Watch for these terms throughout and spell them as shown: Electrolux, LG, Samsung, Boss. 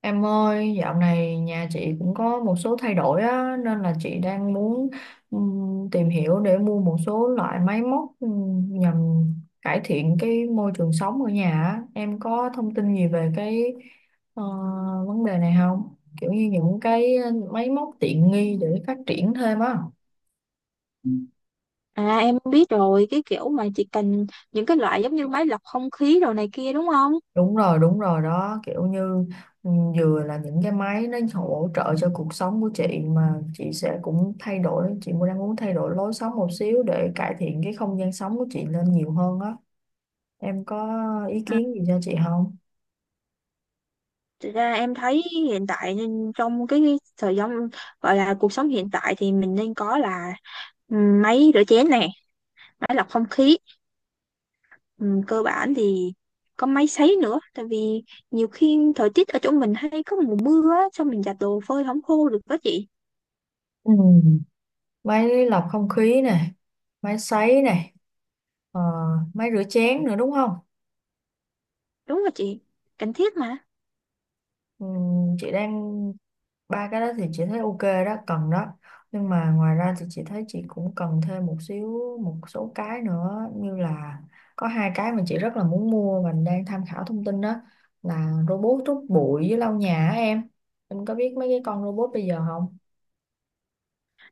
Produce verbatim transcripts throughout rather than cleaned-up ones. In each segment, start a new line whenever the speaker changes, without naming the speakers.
Em ơi, dạo này nhà chị cũng có một số thay đổi á, nên là chị đang muốn ừm, tìm hiểu để mua một số loại máy móc ừm, nhằm cải thiện cái môi trường sống ở nhà á. Em có thông tin gì về cái ờ, vấn đề này không? Kiểu như những cái máy móc tiện nghi để phát triển thêm á.
À em biết rồi, cái kiểu mà chỉ cần những cái loại giống như máy lọc không khí đồ này kia đúng không?
Đúng rồi, đúng rồi đó, kiểu như ừ, vừa là những cái máy nó hỗ trợ cho cuộc sống của chị, mà chị sẽ cũng thay đổi, chị cũng đang muốn thay đổi lối sống một xíu để cải thiện cái không gian sống của chị lên nhiều hơn á. Em có ý
Ừ.
kiến gì cho chị không?
Thực ra em thấy hiện tại nên trong cái thời gian gọi là cuộc sống hiện tại thì mình nên có là ừ, máy rửa chén nè, máy lọc không khí, ừ, cơ bản thì có máy sấy nữa, tại vì nhiều khi thời tiết ở chỗ mình hay có mùa mưa á, xong mình giặt đồ phơi không khô được đó chị,
Ừ. Máy lọc không khí này, máy sấy này, ờ, máy rửa chén nữa đúng không?
đúng rồi chị, cần thiết mà.
Ừm, chị đang, ba cái đó thì chị thấy ok đó, cần đó, nhưng mà ngoài ra thì chị thấy chị cũng cần thêm một xíu, một số cái nữa như là có hai cái mà chị rất là muốn mua và đang tham khảo thông tin, đó là robot hút bụi với lau nhà á em. Em có biết mấy cái con robot bây giờ không?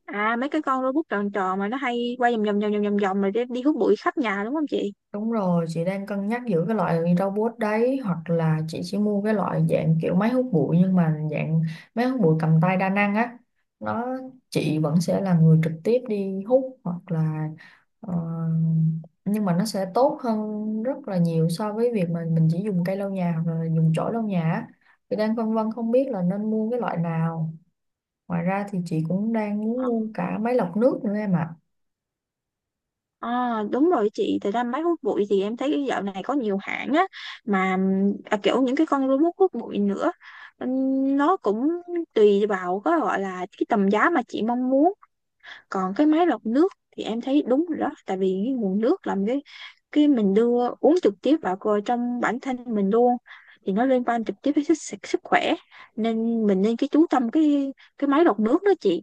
À mấy cái con robot tròn tròn mà nó hay quay vòng vòng vòng vòng vòng vòng rồi đi đi hút bụi khắp nhà đúng không chị?
Đúng rồi, chị đang cân nhắc giữa cái loại robot đấy hoặc là chị chỉ mua cái loại dạng kiểu máy hút bụi nhưng mà dạng máy hút bụi cầm tay đa năng á. Nó, chị vẫn sẽ là người trực tiếp đi hút hoặc là ờ, nhưng mà nó sẽ tốt hơn rất là nhiều so với việc mà mình chỉ dùng cây lau nhà hoặc là dùng chổi lau nhà á. Chị đang phân vân không biết là nên mua cái loại nào. Ngoài ra thì chị cũng đang muốn mua cả máy lọc nước nữa em ạ.
À, đúng rồi chị, thật ra máy hút bụi thì em thấy dạo này có nhiều hãng á mà ừm, à, kiểu những cái con robot hút bụi nữa. Ừm, nó cũng tùy vào có gọi là cái tầm giá mà chị mong muốn, còn cái máy lọc nước thì em thấy đúng rồi đó, tại vì cái nguồn nước làm cái cái mình đưa uống trực tiếp vào cơ- trong bản thân mình luôn thì nó liên quan trực tiếp đến sức, sức khỏe, nên mình nên cái chú tâm cái cái máy lọc nước đó chị.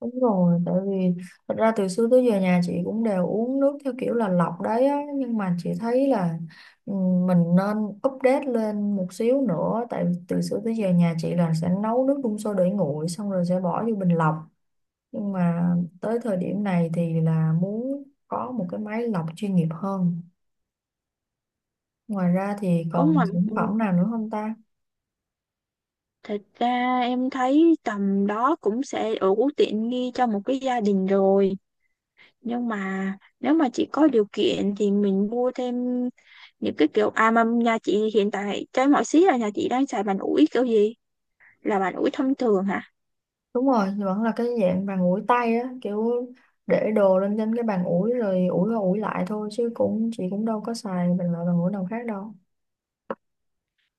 Đúng rồi, tại vì thật ra từ xưa tới giờ nhà chị cũng đều uống nước theo kiểu là lọc đấy á, nhưng mà chị thấy là ừ, mình nên update lên một xíu nữa, tại vì từ xưa tới giờ nhà chị là sẽ nấu nước đun sôi để nguội xong rồi sẽ bỏ vô bình lọc, nhưng mà tới thời điểm này thì là muốn có một cái máy lọc chuyên nghiệp hơn. Ngoài ra thì
Có
còn
mà
sản phẩm nào nữa không ta?
thật ra em thấy tầm đó cũng sẽ đủ tiện nghi cho một cái gia đình rồi. Nhưng mà nếu mà chị có điều kiện thì mình mua thêm những cái kiểu à mà nhà chị hiện tại trái mọi xí là nhà chị đang xài bàn ủi kiểu gì? Là bàn ủi thông thường hả?
Đúng rồi, vẫn là cái dạng bàn ủi tay á, kiểu để đồ lên trên cái bàn ủi rồi ủi qua ủi lại thôi, chứ cũng, chị cũng đâu có xài bằng loại bàn ủi nào khác đâu.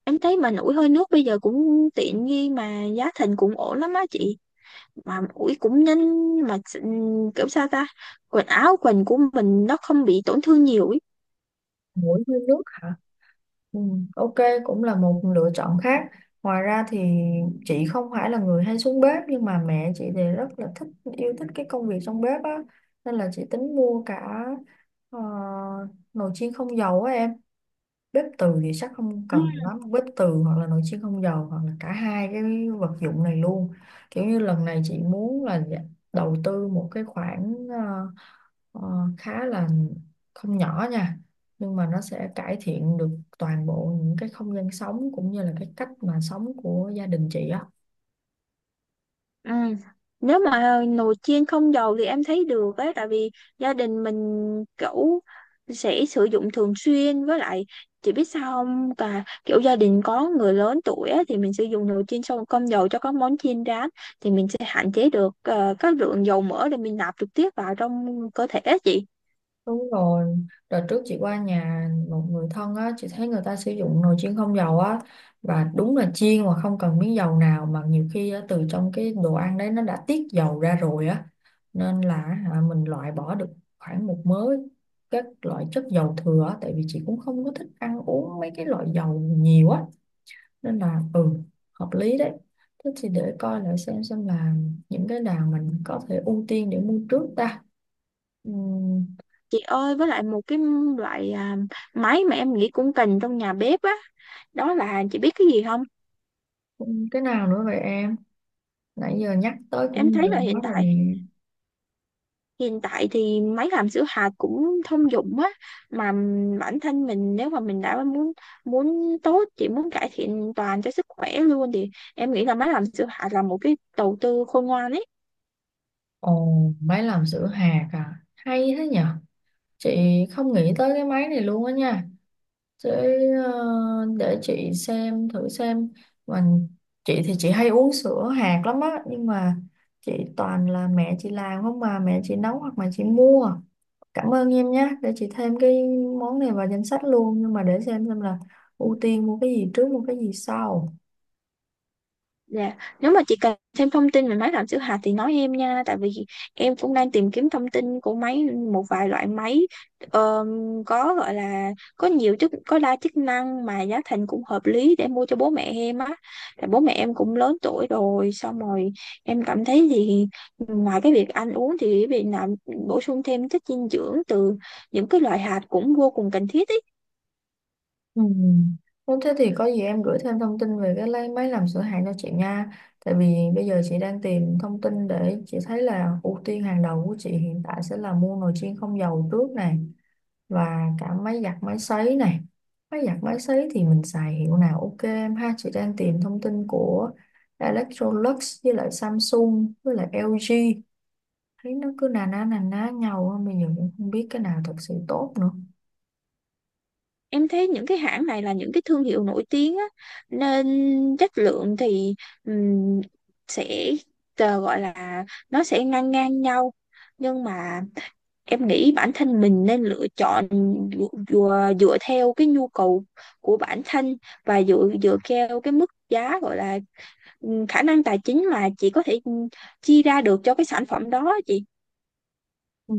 Em thấy bàn ủi hơi nước bây giờ cũng tiện nghi mà giá thành cũng ổn lắm á chị. Mà ủi cũng nhanh mà s- kiểu sao ta? Quần áo quần của mình nó không bị tổn thương nhiều ý.
Mũi với nước hả? Ừ, ok, cũng là một lựa chọn khác. Ngoài ra thì chị không phải là người hay xuống bếp nhưng mà mẹ chị thì rất là thích, yêu thích cái công việc trong bếp á, nên là chị tính mua cả ờ, nồi chiên không dầu á em. Bếp từ thì chắc không cần lắm, bếp từ hoặc là nồi chiên không dầu hoặc là cả hai cái vật dụng này luôn. Kiểu như lần này chị muốn là dạ- đầu tư một cái khoản ờ, ờ, khá là không nhỏ nha, nhưng mà nó sẽ cải thiện được toàn bộ những cái không gian sống cũng như là cái cách mà sống của gia đình chị á.
Ừ. Nếu mà nồi chiên không dầu thì em thấy được ấy, tại vì gia đình mình kiểu sẽ sử dụng thường xuyên, với lại chị biết sao không, cả kiểu gia đình có người lớn tuổi á, thì mình sử dụng nồi chiên xong không dầu cho các món chiên rán thì mình sẽ hạn chế được ờ, các lượng dầu mỡ để mình nạp trực tiếp vào trong cơ thể á chị.
Đúng rồi, đợt trước chị qua nhà một người thân á, chị thấy người ta sử dụng nồi chiên không dầu á và đúng là chiên mà không cần miếng dầu nào, mà nhiều khi á, từ trong cái đồ ăn đấy nó đã tiết dầu ra rồi á, nên là hả, mình loại bỏ được khoảng một mớ các loại chất dầu thừa á, tại vì chị cũng không có thích ăn uống mấy cái loại dầu nhiều á, nên là ừ hợp lý đấy. Thế thì để coi lại xem xem là những cái nào mình có thể ưu tiên để mua trước ta. Ừ.
Chị ơi, với lại một cái loại à, máy mà em nghĩ cũng cần trong nhà bếp á, đó là chị biết cái gì không?
Cái nào nữa vậy em? Nãy giờ nhắc tới cũng
Em thấy
nhiều
là hiện
quá rồi nè.
tại, hiện tại thì máy làm sữa hạt cũng thông dụng á, mà bản thân mình nếu mà mình đã muốn muốn tốt chỉ muốn cải thiện toàn cho sức khỏe luôn thì em nghĩ là máy làm sữa hạt là một cái đầu tư khôn ngoan ấy.
Ồ, máy làm sữa hạt à? Hay thế nhở? Chị không nghĩ tới cái máy này luôn á nha. Để, để chị xem, thử xem. Mình, chị thì chị hay uống sữa hạt lắm á. Nhưng mà chị toàn là mẹ chị làm không, mà mẹ chị nấu hoặc mà chị mua. Cảm ơn em nhé. Để chị thêm cái món này vào danh sách luôn. Nhưng mà để xem xem là ưu tiên mua cái gì trước, mua cái gì sau.
Dạ, nếu mà chị cần thêm thông tin về máy làm sữa hạt thì nói em nha, tại vì em cũng đang tìm kiếm thông tin của máy một vài loại máy ờm, có gọi là có nhiều chức có đa chức năng mà giá thành cũng hợp lý để mua cho bố mẹ em á. Tại bố mẹ em cũng lớn tuổi rồi, xong rồi em cảm thấy thì ngoài cái việc ăn uống thì việc làm bổ sung thêm chất dinh dưỡng từ những cái loại hạt cũng vô cùng cần thiết ý.
Ừ. Nếu thế thì có gì em gửi thêm thông tin về cái lấy máy làm sửa hàng cho chị nha. Tại vì bây giờ chị đang tìm thông tin để chị thấy là ưu tiên hàng đầu của chị hiện tại sẽ là mua nồi chiên không dầu trước này và cả máy giặt máy sấy này. Máy giặt máy sấy thì mình xài hiệu nào ok em ha. Chị đang tìm thông tin của Electrolux với lại Samsung với lại e lờ giê. Thấy nó cứ nà ná nà ná nhau á, bây giờ cũng không biết cái nào thật sự tốt nữa.
Em thấy những cái hãng này là những cái thương hiệu nổi tiếng á, nên chất lượng thì ừm, sẽ ờ, gọi là nó sẽ ngang ngang nhau. Nhưng mà em nghĩ bản thân mình nên lựa chọn dựa, dựa theo cái nhu cầu của bản thân và dựa dựa theo cái mức giá, gọi là ừm, khả năng tài chính mà chị có thể ừm, chi ra được cho cái sản phẩm đó chị.
Ừ,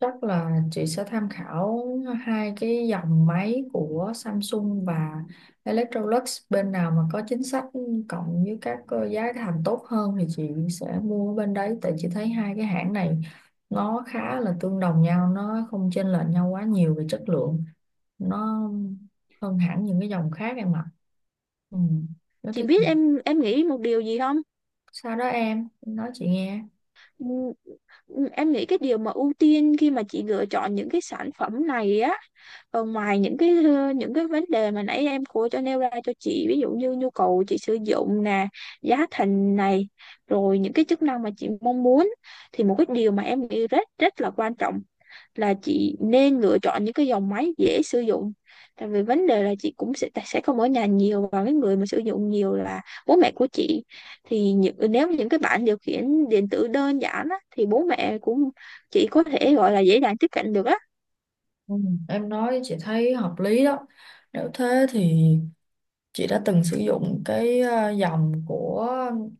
chắc là chị sẽ tham khảo hai cái dòng máy của Samsung và Electrolux, bên nào mà có chính sách cộng với các ờ, giá thành tốt hơn thì chị sẽ mua ở bên đấy, tại chị thấy hai cái hãng này nó khá là tương đồng nhau, nó không chênh lệch nhau quá nhiều về chất lượng, nó hơn hẳn những cái dòng khác em ạ. Ừ. Nó
Chị
thế
biết em em nghĩ một điều gì không?
sao đó em nói chị nghe.
Ừ, em nghĩ cái điều mà ưu tiên khi mà chị lựa chọn những cái sản phẩm này á, ờ, ngoài những cái ờ, những cái vấn đề mà nãy em cô cho nêu ra cho chị, ví dụ như nhu cầu chị sử dụng nè, giá thành này, rồi những cái chức năng mà chị mong muốn, thì một cái điều mà em nghĩ rất rất là quan trọng là chị nên lựa chọn những cái dòng máy dễ sử dụng, tại vì vấn đề là chị cũng sẽ sẽ không ở nhà nhiều và cái người mà sử dụng nhiều là bố mẹ của chị, thì những, nếu những cái bảng điều khiển điện tử đơn giản á, thì bố mẹ cũng chị có thể gọi là dễ dàng tiếp cận được á.
Ừ, em nói chị thấy hợp lý đó. Nếu thế thì chị đã từng sử dụng cái ờ, dòng của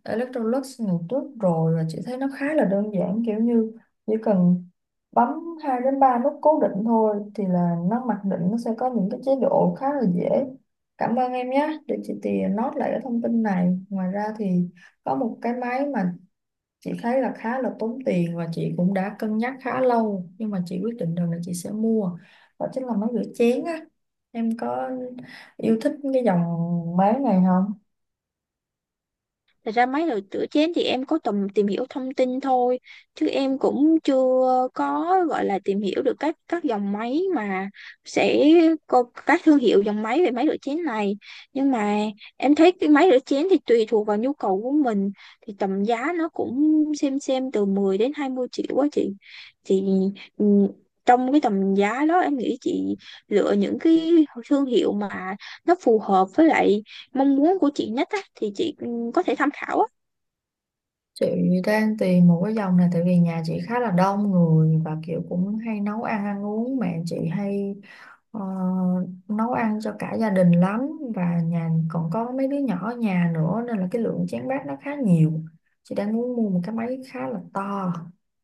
Electrolux ngày trước rồi và chị thấy nó khá là đơn giản, kiểu như chỉ cần bấm hai đến ba nút cố định thôi thì là nó mặc định, nó sẽ có những cái chế độ khá là dễ. Cảm ơn em nhé, để chị tìa note lại cái thông tin này. Ngoài ra thì có một cái máy mà chị thấy là khá là tốn tiền và chị cũng đã cân nhắc khá lâu nhưng mà chị quyết định rằng là chị sẽ mua, đó chính là máy rửa chén á. Em có yêu thích cái dòng máy này không?
Thật ra mấy đồ rửa chén thì em có tầm tìm hiểu thông tin thôi, chứ em cũng chưa có gọi là tìm hiểu được các các dòng máy mà sẽ có các thương hiệu dòng máy về máy rửa chén này, nhưng mà em thấy cái máy rửa chén thì tùy thuộc vào nhu cầu của mình thì tầm giá nó cũng xem xem từ mười đến hai mươi triệu quá chị, thì ừ, trong cái tầm giá đó em nghĩ chị lựa những cái thương hiệu mà nó phù hợp với lại mong muốn của chị nhất á, thì chị ừ, có thể tham khảo á.
Chị đang tìm một cái dòng này tại vì nhà chị khá là đông người và kiểu cũng hay nấu ăn, ăn uống, mẹ chị hay ờ, nấu ăn cho cả gia đình lắm, và nhà còn có mấy đứa nhỏ ở nhà nữa nên là cái lượng chén bát nó khá nhiều. Chị đang muốn mua một cái máy khá là to.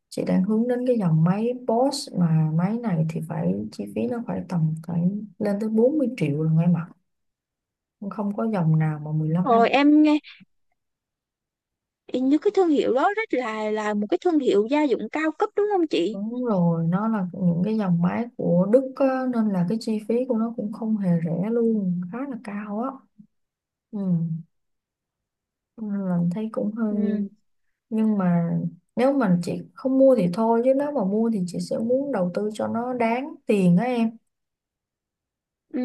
Chị đang hướng đến cái dòng máy Boss, mà máy này thì phải, chi phí nó phải tầm, phải lên tới bốn mươi triệu rồi em ạ, không có dòng nào mà mười lăm.
Rồi em nghe như cái thương hiệu đó rất là là một cái thương hiệu gia dụng cao cấp đúng không chị?
Đúng rồi, nó là những cái dòng máy của Đức á, nên là cái chi phí của nó cũng không hề rẻ luôn, khá là cao á. Ừ. Nên là thấy cũng hơi,
Ừ.
nhưng mà nếu mà chị không mua thì thôi chứ nếu mà mua thì chị sẽ muốn đầu tư cho nó đáng tiền á em.
Ừ,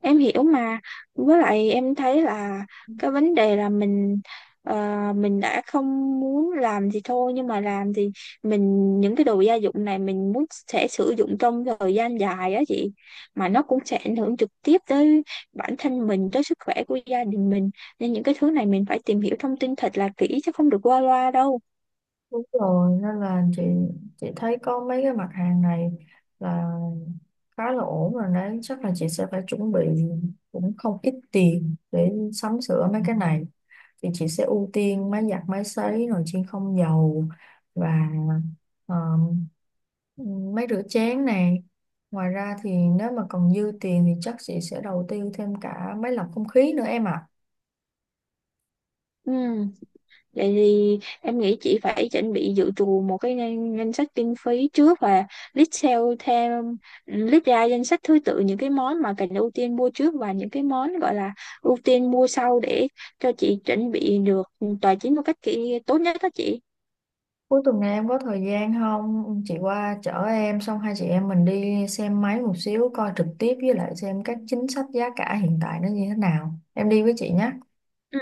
em hiểu mà, với lại em thấy là cái vấn đề là mình ờ, mình đã không muốn làm gì thôi, nhưng mà làm thì mình những cái đồ gia dụng này mình muốn sẽ sử dụng trong thời gian dài á chị, mà nó cũng sẽ ảnh hưởng trực tiếp tới bản thân mình, tới sức khỏe của gia đình mình, nên những cái thứ này mình phải tìm hiểu thông tin thật là kỹ chứ không được qua loa đâu.
Đúng rồi, nên là chị chị thấy có mấy cái mặt hàng này là khá là ổn rồi đấy, chắc là chị sẽ phải chuẩn bị cũng không ít tiền để sắm sửa mấy cái này. Thì chị sẽ ưu tiên máy giặt, máy sấy, nồi chiên không dầu và ờ, máy rửa chén này. Ngoài ra thì nếu mà còn dư tiền thì chắc chị sẽ đầu tư thêm cả máy lọc không khí nữa em ạ.
Ừ. Vậy thì em nghĩ chị phải chuẩn bị dự trù một cái ngân, ngân sách kinh phí trước và list sale theo list ra danh sách thứ tự những cái món mà cần ưu tiên mua trước và những cái món gọi là ưu tiên mua sau để cho chị chuẩn bị được tài chính một cách kỹ tốt nhất đó chị.
Cuối tuần này em có thời gian không? Chị qua chở em xong hai chị em mình đi xem máy một xíu, coi trực tiếp với lại xem các chính sách giá cả hiện tại nó như thế nào. Em đi với chị nhé.
Ừ.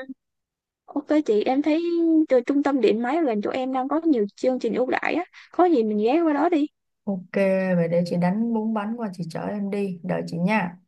Ok chị, em thấy từ trung tâm điện máy gần chỗ em đang có nhiều chương trình ưu đãi á, có gì mình ghé qua đó đi.
Ok, vậy để chị đánh bún bánh qua chị chở em đi. Đợi chị nha.